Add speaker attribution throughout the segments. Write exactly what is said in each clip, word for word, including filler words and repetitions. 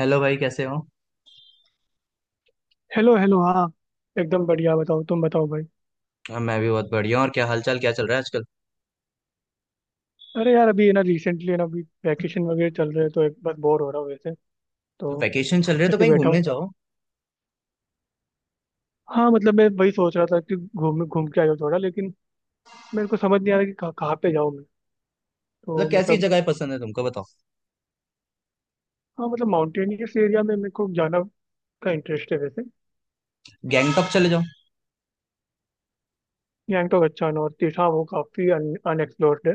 Speaker 1: Hello भाई कैसे हो।
Speaker 2: Hello hello. हाँ एकदम बढ़िया, बताओ तुम बताओ भाई।
Speaker 1: हाँ, मैं भी बहुत बढ़िया हूँ। और क्या हालचाल, क्या चल रहा है आजकल?
Speaker 2: अरे यार, अभी है ना रिसेंटली ना, अभी वैकेशन वगैरह चल रहे हैं तो एक बस बोर हो रहा हूँ वैसे। तो
Speaker 1: तो वैकेशन चल रहे तो
Speaker 2: ऐसे
Speaker 1: कहीं
Speaker 2: बैठा हूँ।
Speaker 1: घूमने जाओ।
Speaker 2: हाँ मतलब मैं वही सोच रहा था कि घूम घूम के आ जाऊँ थोड़ा, लेकिन मेरे को समझ नहीं आ रहा कि कहाँ कहाँ पे जाऊँ मैं। तो
Speaker 1: मतलब कैसी
Speaker 2: मतलब,
Speaker 1: जगह पसंद है तुमको, बताओ।
Speaker 2: हाँ मतलब माउंटेनियस एरिया में मेरे को जाना का इंटरेस्ट है वैसे।
Speaker 1: गैंगटॉक चले जाओ।
Speaker 2: गैंगटॉक? अच्छा, नॉर्थ ईस्ट। हाँ वो काफ़ी अनएक्सप्लोर्ड है।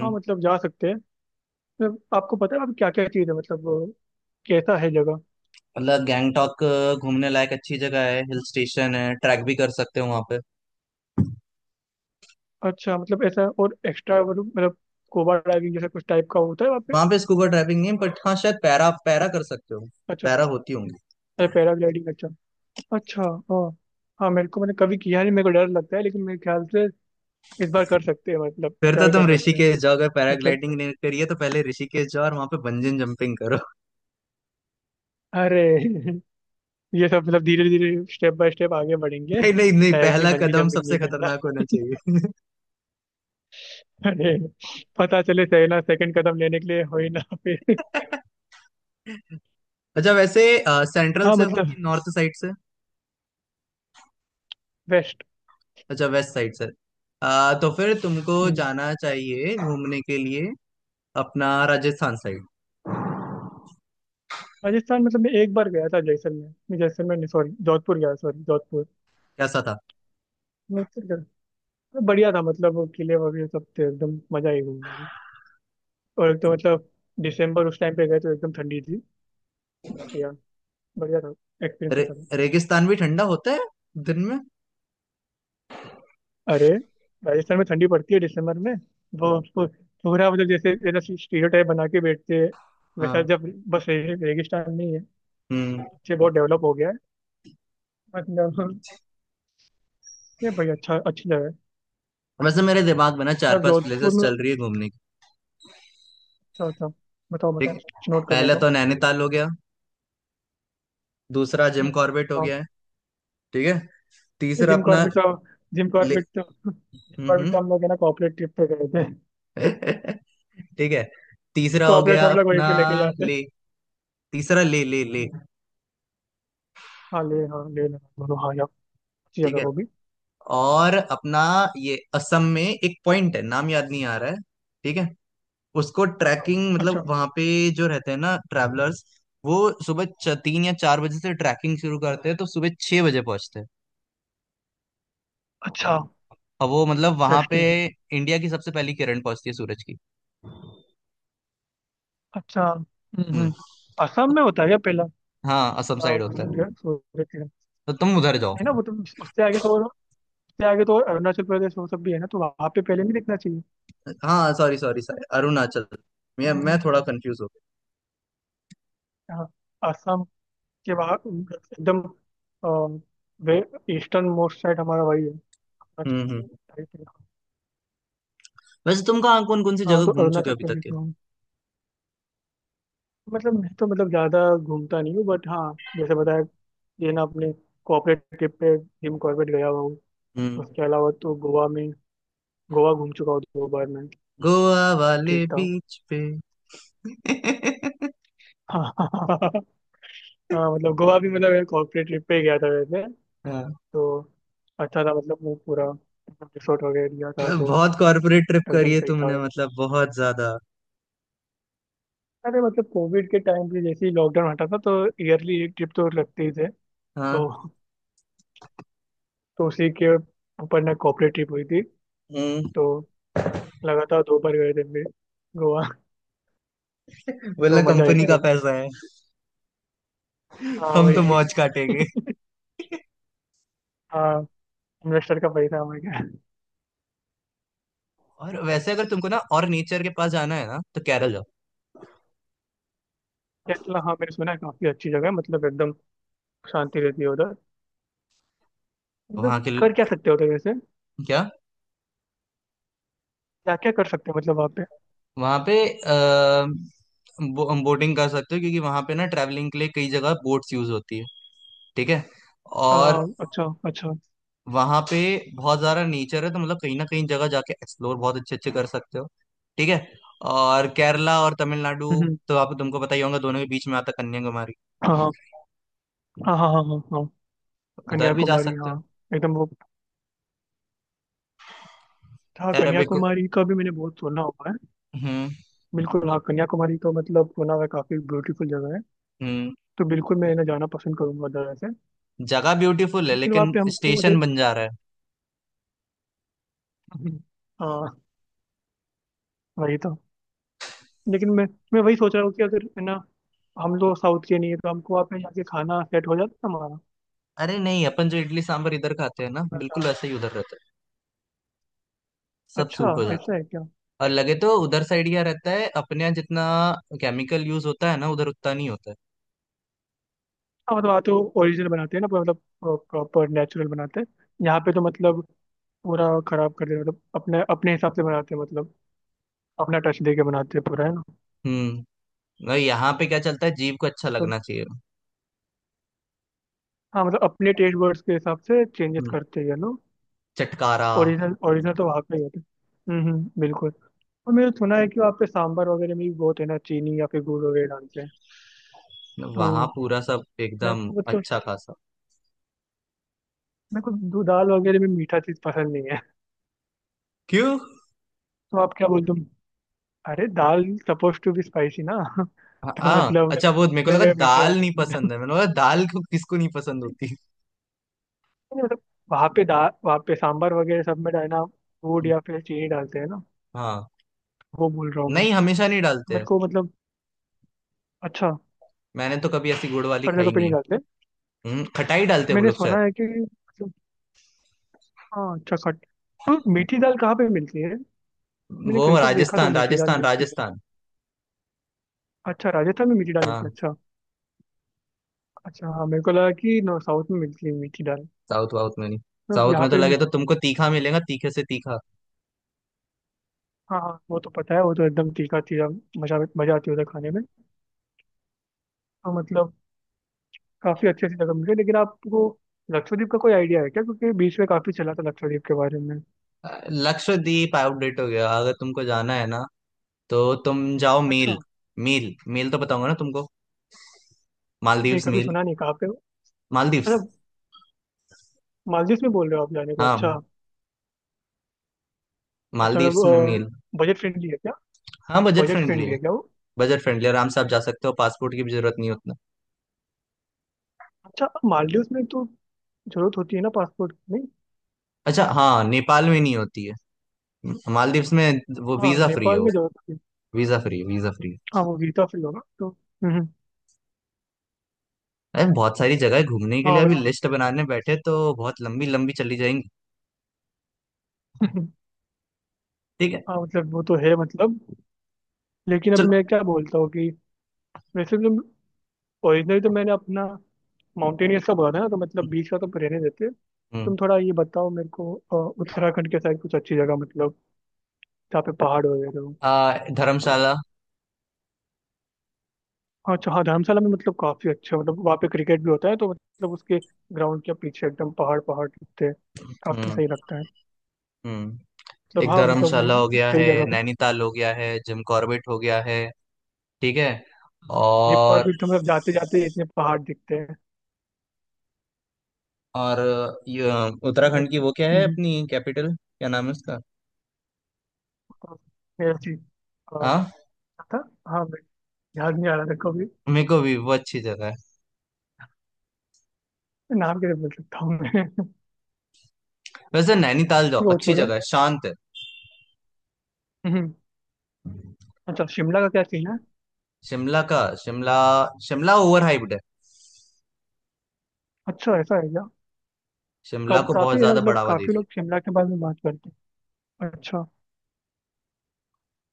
Speaker 2: हाँ मतलब जा सकते हैं। मतलब आपको पता है आप क्या क्या चीज़ है मतलब, अ, कैसा है जगह।
Speaker 1: मतलब गैंगटॉक अ, घूमने लायक अच्छी जगह है, हिल स्टेशन है, ट्रैक भी कर सकते हो वहां पे।
Speaker 2: अच्छा मतलब ऐसा और एक्स्ट्रा मतलब, मतलब स्कूबा डाइविंग जैसा कुछ टाइप का होता है वहाँ पे?
Speaker 1: वहां पे स्कूबा ड्राइविंग नहीं, बट हाँ शायद पैरा पैरा कर सकते हो।
Speaker 2: अच्छा।
Speaker 1: पैरा होती होंगी।
Speaker 2: अच्छा पैराग्लाइडिंग, अच्छा। अच्छा। हाँ। हाँ मेरे को, मैंने कभी किया नहीं, मेरे को डर लगता है, लेकिन मेरे ख्याल से इस बार कर सकते हैं, मतलब
Speaker 1: फिर तो
Speaker 2: ट्राई
Speaker 1: तुम
Speaker 2: कर सकते हैं।
Speaker 1: ऋषिकेश जाओ, अगर
Speaker 2: मतलब
Speaker 1: पैराग्लाइडिंग नहीं करी है तो पहले ऋषिकेश जाओ और वहां पे बंजन जंपिंग करो।
Speaker 2: अरे ये सब मतलब धीरे धीरे स्टेप बाय स्टेप आगे बढ़ेंगे।
Speaker 1: नहीं नहीं नहीं,
Speaker 2: डायरेक्टली
Speaker 1: पहला
Speaker 2: बंजी
Speaker 1: कदम
Speaker 2: जंपिंग
Speaker 1: सबसे
Speaker 2: नहीं करना।
Speaker 1: खतरनाक होना चाहिए।
Speaker 2: अरे, पता चले सही ना, सेकंड कदम लेने के लिए हो ही ना फिर।
Speaker 1: अच्छा वैसे सेंट्रल
Speaker 2: हाँ
Speaker 1: से हो कि
Speaker 2: मतलब
Speaker 1: नॉर्थ साइड से?
Speaker 2: बेस्ट।
Speaker 1: अच्छा वेस्ट साइड से। अ, तो फिर तुमको
Speaker 2: हम्म।
Speaker 1: जाना चाहिए घूमने के लिए अपना राजस्थान साइड।
Speaker 2: राजस्थान, मतलब मैं एक बार गया था जैसलमेर, नहीं, जैसलमेर नहीं, सॉरी जोधपुर गया, सॉरी जोधपुर।
Speaker 1: कैसा था?
Speaker 2: नोटिस कर। बढ़िया था मतलब, वो किले वगैरह सब थे, एकदम मजा ही घूमने में। और एक तो मतलब दिसंबर उस टाइम पे गए तो एकदम ठंडी थी। बट यार बढ़िया था। एक्सपीरियंस
Speaker 1: रे,
Speaker 2: अच्छा था।
Speaker 1: रेगिस्तान भी ठंडा होता है दिन में।
Speaker 2: अरे, राजस्थान में ठंडी पड़ती है दिसंबर में। वो उसको पूरा मतलब जैसे जैसा स्टीरियोटाइप बना के बैठते हैं वैसा,
Speaker 1: हाँ।
Speaker 2: जब बस रे- रेगिस्तान नहीं है।
Speaker 1: हम्म।
Speaker 2: अच्छे, बहुत डेवलप हो गया है, मतलब ये भाई, अच्छा, अच्छी जगह है।
Speaker 1: वैसे मेरे दिमाग में ना चार
Speaker 2: अब
Speaker 1: पांच
Speaker 2: जोधपुर
Speaker 1: प्लेसेस
Speaker 2: में।
Speaker 1: चल रही है घूमने की।
Speaker 2: अच्छा अच्छा, बताओ
Speaker 1: ठीक
Speaker 2: बताओ,
Speaker 1: है,
Speaker 2: नोट कर
Speaker 1: पहले
Speaker 2: लेता हूँ।
Speaker 1: तो नैनीताल हो गया। दूसरा जिम कॉर्बेट हो
Speaker 2: हम्म।
Speaker 1: गया है। ठीक है, तीसरा
Speaker 2: जिम
Speaker 1: अपना
Speaker 2: कॉर्बेट तो, जिम
Speaker 1: ले।
Speaker 2: कॉर्बेट तो, जिम
Speaker 1: हम्म
Speaker 2: कॉर्बेट तो
Speaker 1: हम्म।
Speaker 2: हम लोग है ना कॉर्पोरेट ट्रिप पे गए थे।
Speaker 1: ठीक है, तीसरा हो
Speaker 2: कॉर्पोरेट
Speaker 1: गया
Speaker 2: हम लोग वहीं
Speaker 1: अपना
Speaker 2: पे लेके जाते हैं।
Speaker 1: ले। तीसरा ले ले ले।
Speaker 2: हाँ ले, हाँ ले लेना बोलो, हाँ यार, अच्छी
Speaker 1: ठीक
Speaker 2: जगह
Speaker 1: है।
Speaker 2: वो भी।
Speaker 1: और अपना ये असम में एक पॉइंट है, नाम याद नहीं आ रहा है। ठीक है। उसको
Speaker 2: हाँ,
Speaker 1: ट्रैकिंग मतलब
Speaker 2: अच्छा।
Speaker 1: वहां पे जो रहते हैं ना ट्रैवलर्स, वो सुबह च- तीन या चार बजे से ट्रैकिंग शुरू करते हैं, तो सुबह छह बजे पहुंचते हैं।
Speaker 2: अच्छा।
Speaker 1: और वो मतलब वहां पे
Speaker 2: इंटरेस्टिंग।
Speaker 1: इंडिया की सबसे पहली किरण पहुंचती है सूरज की।
Speaker 2: अच्छा। हम्म
Speaker 1: हम्म।
Speaker 2: हम्म। असम में होता है क्या पहला?
Speaker 1: हाँ असम
Speaker 2: पहला
Speaker 1: साइड होता है,
Speaker 2: सूर्य सूर्य किरण?
Speaker 1: तो तुम उधर जाओ।
Speaker 2: नहीं ना, वो तो उस- उससे आगे तो, उससे आगे तो अरुणाचल प्रदेश वो सब भी है ना, तो वहाँ पे पहले नहीं दिखना चाहिए।
Speaker 1: हाँ सॉरी सॉरी सॉरी अरुणाचल, मैं मैं थोड़ा कंफ्यूज हो गया।
Speaker 2: हाँ। असम के बाहर एकदम, वे ईस्टर्न मोस्ट साइड हमारा वही है,
Speaker 1: हम्म हम्म।
Speaker 2: अरुणाचल।
Speaker 1: वैसे तुम कहाँ कौन कौन सी
Speaker 2: हाँ
Speaker 1: जगह
Speaker 2: तो
Speaker 1: घूम चुके
Speaker 2: अरुणाचल
Speaker 1: हो अभी तक
Speaker 2: प्रदेश
Speaker 1: के?
Speaker 2: में हूँ। मतलब मैं तो मतलब ज़्यादा घूमता नहीं हूँ, बट हाँ जैसे बताया, ये ना अपने कॉर्पोरेट ट्रिप पे जिम कॉर्बेट गया हुआ हूँ।
Speaker 1: हम्म।
Speaker 2: उसके अलावा तो गोवा में, गोवा घूम चुका हूँ दो बार मैं।
Speaker 1: गोवा वाले
Speaker 2: ठीक था।
Speaker 1: बीच पे?
Speaker 2: हाँ हाँ, मतलब गोवा भी मतलब कॉर्पोरेट ट्रिप पे ही गया था वैसे।
Speaker 1: हाँ।
Speaker 2: तो अच्छा था, मतलब वो पूरा रिसोर्ट वगैरह लिया था, तो
Speaker 1: बहुत कॉर्पोरेट ट्रिप
Speaker 2: एकदम
Speaker 1: करी है
Speaker 2: सही था।
Speaker 1: तुमने, मतलब बहुत ज्यादा।
Speaker 2: अरे मतलब कोविड के टाइम पे जैसे ही लॉकडाउन हटा था तो ईयरली एक ट्रिप तो लगते ही थे। तो
Speaker 1: हाँ।
Speaker 2: तो उसी के ऊपर ना कॉर्पोरेट ट्रिप हुई थी,
Speaker 1: हम्म।
Speaker 2: तो लगातार दो बार गए थे हम भी गोवा।
Speaker 1: बोला
Speaker 2: तो मजा आई
Speaker 1: कंपनी
Speaker 2: थी
Speaker 1: का
Speaker 2: तब।
Speaker 1: पैसा है,
Speaker 2: हाँ
Speaker 1: हम तो
Speaker 2: वही।
Speaker 1: मौज काटेंगे।
Speaker 2: हाँ, इन्वेस्टर का पैसा हमें क्या।
Speaker 1: और वैसे अगर तुमको ना और नेचर के पास जाना है ना तो केरल जाओ।
Speaker 2: केरला, हाँ मैंने सुना है काफी अच्छी जगह है, मतलब एकदम शांति रहती है उधर।
Speaker 1: वहाँ
Speaker 2: मतलब
Speaker 1: के
Speaker 2: कर क्या सकते हो उधर वैसे,
Speaker 1: क्या?
Speaker 2: क्या क्या कर सकते हैं मतलब वहाँ पे?
Speaker 1: वहाँ पे आ, बो, बोटिंग कर सकते हो, क्योंकि वहाँ पे ना ट्रैवलिंग के लिए कई जगह बोट्स यूज होती है। ठीक है।
Speaker 2: आ,
Speaker 1: और
Speaker 2: अच्छा अच्छा।
Speaker 1: वहां पे बहुत सारा नेचर है, तो मतलब कहीं ना कहीं जगह जाके एक्सप्लोर बहुत अच्छे अच्छे कर सकते हो। ठीक है। और केरला और तमिलनाडु,
Speaker 2: हम्म,
Speaker 1: तो आप तुमको पता ही होगा दोनों के बीच में आता कन्याकुमारी।
Speaker 2: हाँ हाँ हाँ हाँ हाँ हाँ, हाँ
Speaker 1: उधर भी जा
Speaker 2: कन्याकुमारी,
Speaker 1: सकते
Speaker 2: हाँ।
Speaker 1: हो।
Speaker 2: एकदम वो। हाँ
Speaker 1: अरेबिक।
Speaker 2: कन्याकुमारी का भी मैंने बहुत सुना हुआ है।
Speaker 1: हम्म
Speaker 2: बिल्कुल हाँ, कन्याकुमारी तो मतलब सुना हुआ है, काफी ब्यूटीफुल जगह है।
Speaker 1: हम्म।
Speaker 2: तो बिल्कुल मैं ना जाना पसंद करूंगा उधर वैसे।
Speaker 1: जगह ब्यूटीफुल है,
Speaker 2: लेकिन वहाँ
Speaker 1: लेकिन
Speaker 2: पे हमको मुझे,
Speaker 1: स्टेशन बन जा रहा है।
Speaker 2: हम्म, हाँ वही तो। लेकिन मैं मैं वही सोच रहा हूँ कि अगर है ना, हम लोग साउथ के नहीं है तो हमको वहाँ पे जाके खाना सेट हो जाता हमारा
Speaker 1: अरे नहीं, अपन जो इडली सांभर इधर खाते हैं ना,
Speaker 2: खाना का।
Speaker 1: बिल्कुल वैसे ही उधर रहता है, सब
Speaker 2: अच्छा
Speaker 1: सूट हो जाता
Speaker 2: ऐसा
Speaker 1: है।
Speaker 2: है क्या।
Speaker 1: और लगे तो उधर साइड क्या रहता है, अपने यहाँ जितना केमिकल यूज होता है ना, उधर उतना नहीं होता है।
Speaker 2: हाँ मतलब वहाँ तो ओरिजिनल बनाते हैं ना, पूरा मतलब प्रॉपर नेचुरल बनाते हैं। यहाँ पे तो मतलब पूरा खराब कर देते हैं, मतलब अपने अपने हिसाब से बनाते हैं, मतलब अपना टच दे के बनाते हैं पूरा है ना।
Speaker 1: हम्म। और यहाँ पे क्या चलता है, जीव को अच्छा
Speaker 2: तो
Speaker 1: लगना चाहिए।
Speaker 2: हाँ मतलब अपने टेस्ट बर्ड्स के हिसाब से चेंजेस
Speaker 1: हम्म।
Speaker 2: करते हैं ना।
Speaker 1: चटकारा।
Speaker 2: ओरिजिनल ओरिजिनल तो वहाँ पे ही होते हैं। हम्म हम्म, बिल्कुल। और मैंने सुना है कि वहाँ पे सांभर वगैरह में भी बहुत है ना चीनी या फिर गुड़ वगैरह डालते हैं, तो
Speaker 1: वहां पूरा सब
Speaker 2: मेरे
Speaker 1: एकदम
Speaker 2: को मतलब,
Speaker 1: अच्छा खासा।
Speaker 2: मेरे को दो दाल वगैरह में मीठा चीज पसंद नहीं है।
Speaker 1: क्यों?
Speaker 2: तो आप क्या बोलते हो, अरे दाल सपोज टू बी स्पाइसी ना।
Speaker 1: हाँ
Speaker 2: तो
Speaker 1: हाँ,
Speaker 2: मतलब
Speaker 1: अच्छा वो मेरे को
Speaker 2: मैं
Speaker 1: लगा
Speaker 2: क्या मीठा डाल
Speaker 1: दाल नहीं
Speaker 2: देंगे दाल।
Speaker 1: पसंद है, मैंने बोला दाल को किसको नहीं पसंद होती।
Speaker 2: नहीं, मतलब वहाँ पे दाल, वहाँ पे सांभर वगैरह सब में डालना गुड़ या फिर चीनी डालते हैं ना,
Speaker 1: हाँ।
Speaker 2: वो बोल रहा हूँ मैं।
Speaker 1: नहीं हमेशा नहीं डालते हैं।
Speaker 2: मेरे को मतलब, अच्छा।
Speaker 1: मैंने तो कभी ऐसी गुड़ वाली
Speaker 2: हर
Speaker 1: खाई
Speaker 2: जगह पे
Speaker 1: नहीं
Speaker 2: नहीं
Speaker 1: है।
Speaker 2: डालते।
Speaker 1: हम्म, खटाई डालते हैं वो
Speaker 2: मैंने
Speaker 1: लोग
Speaker 2: सुना
Speaker 1: शायद।
Speaker 2: है कि मतलब, हाँ अच्छा, खट, तो मीठी दाल कहाँ पे मिलती है? मैंने
Speaker 1: वो
Speaker 2: कहीं तो देखा था
Speaker 1: राजस्थान
Speaker 2: मीठी दाल
Speaker 1: राजस्थान
Speaker 2: मिलती है।
Speaker 1: राजस्थान।
Speaker 2: अच्छा राजस्थान में मीठी दाल मिलती है,
Speaker 1: हाँ।
Speaker 2: अच्छा। अच्छा हाँ, मेरे को लगा कि नो साउथ में मिलती है मीठी दाल।
Speaker 1: साउथ वाउथ में नहीं।
Speaker 2: तो
Speaker 1: साउथ
Speaker 2: यहाँ
Speaker 1: में तो
Speaker 2: पे भी।
Speaker 1: लगे तो तुमको तीखा मिलेगा, तीखे से तीखा।
Speaker 2: हाँ हाँ, वो तो पता है, वो तो एकदम तीखा तीखा, मजा मजा आती है उधर खाने में। तो मतलब काफी अच्छी अच्छी जगह मिल गई, लेकिन आपको लक्षद्वीप का कोई आइडिया है क्या, क्योंकि बीच में काफी चला था लक्षद्वीप के बारे में।
Speaker 1: अ, लक्षद्वीप आउटडेट हो गया। अगर तुमको जाना है ना तो तुम जाओ मेल।
Speaker 2: अच्छा।
Speaker 1: मेल मेल तो बताऊंगा ना तुमको,
Speaker 2: नहीं
Speaker 1: मालदीव्स
Speaker 2: कभी
Speaker 1: मेल।
Speaker 2: सुना नहीं, कहाँ पे हो?
Speaker 1: मालदीव्स।
Speaker 2: अच्छा मालदीव में बोल रहे हो आप जाने को,
Speaker 1: हाँ।
Speaker 2: अच्छा। अच्छा
Speaker 1: मालदीव्स में
Speaker 2: मतलब
Speaker 1: मील।
Speaker 2: बजट फ्रेंडली है क्या?
Speaker 1: हाँ बजट
Speaker 2: बजट
Speaker 1: फ्रेंडली
Speaker 2: फ्रेंडली
Speaker 1: है।
Speaker 2: है क्या वो?
Speaker 1: बजट फ्रेंडली, आराम से आप जा सकते हो, पासपोर्ट की भी जरूरत नहीं होती।
Speaker 2: अच्छा मालदीव में तो जरूरत होती है ना पासपोर्ट, नहीं?
Speaker 1: अच्छा हाँ, नेपाल में नहीं होती है। मालदीव्स में वो
Speaker 2: हाँ
Speaker 1: वीजा फ्री है।
Speaker 2: नेपाल
Speaker 1: वो
Speaker 2: में जरूरत होती है।
Speaker 1: वीजा फ्री है, वीजा फ्री है।
Speaker 2: हाँ वो वीजा फ्री होगा तो हम्म, हम्म।
Speaker 1: अरे बहुत सारी जगह है घूमने के
Speaker 2: हाँ
Speaker 1: लिए,
Speaker 2: वही
Speaker 1: अभी
Speaker 2: तो।
Speaker 1: लिस्ट बनाने बैठे तो बहुत लंबी लंबी चली जाएंगी। ठीक है।
Speaker 2: हाँ मतलब वो तो है मतलब। लेकिन अभी
Speaker 1: चलो।
Speaker 2: मैं क्या बोलता हूँ कि, वैसे तुम, ओरिजिनल तो मैंने अपना माउंटेनियर्स का बोला था ना, तो मतलब बीच का तो रहने देते।
Speaker 1: हम्म।
Speaker 2: तुम थोड़ा ये बताओ मेरे को, अ, उत्तराखंड के साइड कुछ अच्छी जगह, मतलब जहाँ पे पहाड़ वगैरह हो।
Speaker 1: आ, धर्मशाला।
Speaker 2: हाँ अच्छा, हाँ धर्मशाला में मतलब काफी अच्छा, मतलब वहाँ पे क्रिकेट भी होता है तो मतलब उसके ग्राउंड के पीछे एकदम पहाड़ पहाड़ दिखते हैं, काफी
Speaker 1: हम्म
Speaker 2: सही लगता है।
Speaker 1: हम्म।
Speaker 2: मतलब
Speaker 1: एक
Speaker 2: हाँ मतलब वो
Speaker 1: धर्मशाला हो गया
Speaker 2: सही
Speaker 1: है,
Speaker 2: जगह पे।
Speaker 1: नैनीताल हो गया है, जिम कॉर्बेट हो गया है। ठीक है।
Speaker 2: जिम
Speaker 1: और
Speaker 2: कॉर्बेट तो मतलब जाते जाते इतने पहाड़ दिखते हैं।
Speaker 1: और ये
Speaker 2: है ना?
Speaker 1: उत्तराखंड की वो क्या है
Speaker 2: हम्म,
Speaker 1: अपनी कैपिटल, क्या नाम है उसका?
Speaker 2: मेरा चीज। हाँ,
Speaker 1: हाँ
Speaker 2: हाँ मैं याद नहीं आ रहा था कभी,
Speaker 1: मेरे को भी वो अच्छी जगह है।
Speaker 2: नाम कैसे बोल सकता हूँ मैं।
Speaker 1: वैसे नैनीताल जाओ,
Speaker 2: वो
Speaker 1: अच्छी
Speaker 2: छोड़ो।
Speaker 1: जगह है, शांत है।
Speaker 2: हम्म, अच्छा, शिमला का क्या सीन है।
Speaker 1: शिमला का, शिमला, शिमला ओवर हाइप्ड है।
Speaker 2: अच्छा ऐसा है क्या।
Speaker 1: शिमला
Speaker 2: कब,
Speaker 1: को
Speaker 2: काफी
Speaker 1: बहुत
Speaker 2: है ना,
Speaker 1: ज्यादा
Speaker 2: मतलब
Speaker 1: बढ़ावा दे
Speaker 2: काफी लोग
Speaker 1: दिया।
Speaker 2: शिमला के बारे में बात करते हैं। अच्छा,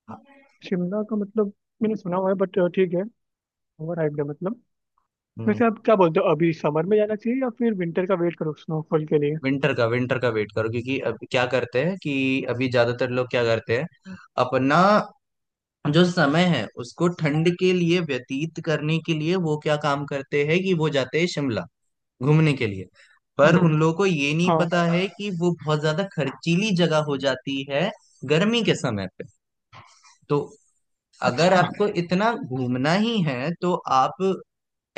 Speaker 1: हाँ।
Speaker 2: शिमला का मतलब मैंने सुना हुआ है, बट ठीक है, ओवर हाइप्ड है मतलब।
Speaker 1: हम्म।
Speaker 2: वैसे आप क्या बोलते हो, अभी समर में जाना चाहिए या फिर विंटर का वेट करो स्नोफॉल के लिए?
Speaker 1: विंटर का, विंटर का वेट करो क्योंकि अब क्या करते हैं कि अभी ज्यादातर लोग क्या करते हैं, अपना जो समय है उसको ठंड के लिए व्यतीत करने के लिए, वो क्या काम करते हैं कि वो जाते हैं शिमला घूमने के लिए। पर
Speaker 2: हम्म,
Speaker 1: उन लोगों को ये नहीं
Speaker 2: हाँ।
Speaker 1: पता है कि वो बहुत ज्यादा खर्चीली जगह हो जाती है गर्मी के समय पे। तो अगर
Speaker 2: अच्छा।
Speaker 1: आपको इतना घूमना ही है तो आप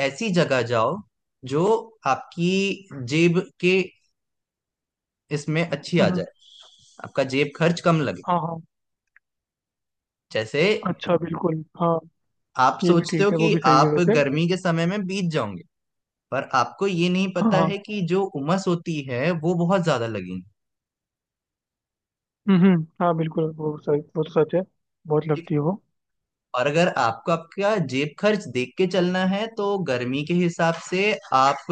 Speaker 1: ऐसी जगह जाओ जो आपकी जेब के इसमें अच्छी आ
Speaker 2: हम्म,
Speaker 1: जाए, आपका जेब खर्च कम लगे।
Speaker 2: हाँ हाँ।
Speaker 1: जैसे
Speaker 2: अच्छा बिल्कुल हाँ।
Speaker 1: आप
Speaker 2: ये भी
Speaker 1: सोचते हो
Speaker 2: ठीक है
Speaker 1: कि
Speaker 2: वो भी सही है
Speaker 1: आप
Speaker 2: वैसे।
Speaker 1: गर्मी के समय में बीत जाओगे, पर आपको ये नहीं
Speaker 2: हाँ
Speaker 1: पता
Speaker 2: हाँ।
Speaker 1: है कि जो उमस होती है वो बहुत ज्यादा लगेगी।
Speaker 2: हम्म, हाँ बिल्कुल वो सही, वो तो सच है। बहुत लगती है वो।
Speaker 1: और अगर आपको आपका जेब खर्च देख के चलना है तो गर्मी के हिसाब से आप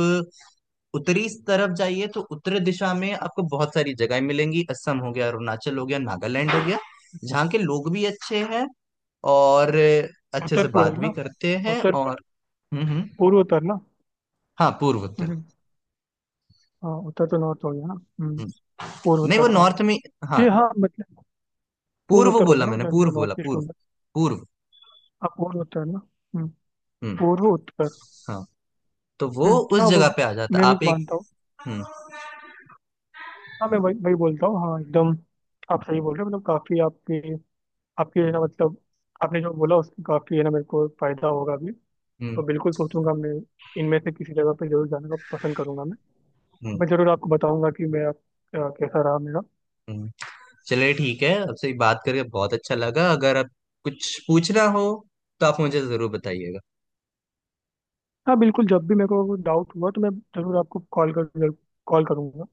Speaker 1: उत्तरी तरफ जाइए, तो उत्तरी दिशा में आपको बहुत सारी जगह मिलेंगी। असम हो गया, अरुणाचल हो गया, नागालैंड हो गया, जहाँ के लोग भी अच्छे हैं और अच्छे से
Speaker 2: उत्तर पूर्व
Speaker 1: बात भी
Speaker 2: ना,
Speaker 1: करते हैं।
Speaker 2: उत्तर,
Speaker 1: और हम्म हम्म।
Speaker 2: पूर्व उत्तर ना।
Speaker 1: हाँ पूर्व उत्तर।
Speaker 2: हम्म। हाँ उत्तर तो नॉर्थ हो गया ना, हम्म।
Speaker 1: हम्म,
Speaker 2: पूर्व
Speaker 1: नहीं वो
Speaker 2: उत्तर, हाँ।
Speaker 1: नॉर्थ में। हाँ
Speaker 2: ये हाँ मतलब पूर्व
Speaker 1: पूर्व
Speaker 2: उत्तर हो
Speaker 1: बोला
Speaker 2: गया ना
Speaker 1: मैंने,
Speaker 2: उधर,
Speaker 1: पूर्व बोला,
Speaker 2: नॉर्थ ईस्ट हो
Speaker 1: पूर्व,
Speaker 2: गया।
Speaker 1: पूर्व।
Speaker 2: हाँ पूर्व उत्तर ना। हम्म।
Speaker 1: हम्म।
Speaker 2: पूर्व उत्तर।
Speaker 1: हाँ तो वो
Speaker 2: हम्म,
Speaker 1: उस
Speaker 2: हाँ वो।
Speaker 1: जगह पे आ जाता
Speaker 2: मैं भी
Speaker 1: आप एक।
Speaker 2: मानता हूँ।
Speaker 1: हम्म
Speaker 2: हाँ मैं वही वही बोलता हूँ, हाँ एकदम। आप सही बोल रहे हो, मतलब काफी आपके, आपके है ना मतलब, आपने जो बोला उसकी काफी है ना मेरे को फायदा होगा अभी। तो
Speaker 1: हम्म।
Speaker 2: बिल्कुल सोचूंगा मैं, इनमें से किसी जगह पे जरूर जाने का पसंद करूंगा मैं। और
Speaker 1: हम्म
Speaker 2: मैं जरूर आपको बताऊंगा कि मैं आप, अ, कैसा रहा मेरा।
Speaker 1: हम्म। चलिए ठीक है, आपसे बात करके बहुत अच्छा लगा। अगर आप कुछ पूछना हो तो आप मुझे जरूर बताइएगा।
Speaker 2: हाँ बिल्कुल, जब भी मेरे को डाउट हुआ तो मैं जरूर आपको कॉल कर कॉल करूंगा।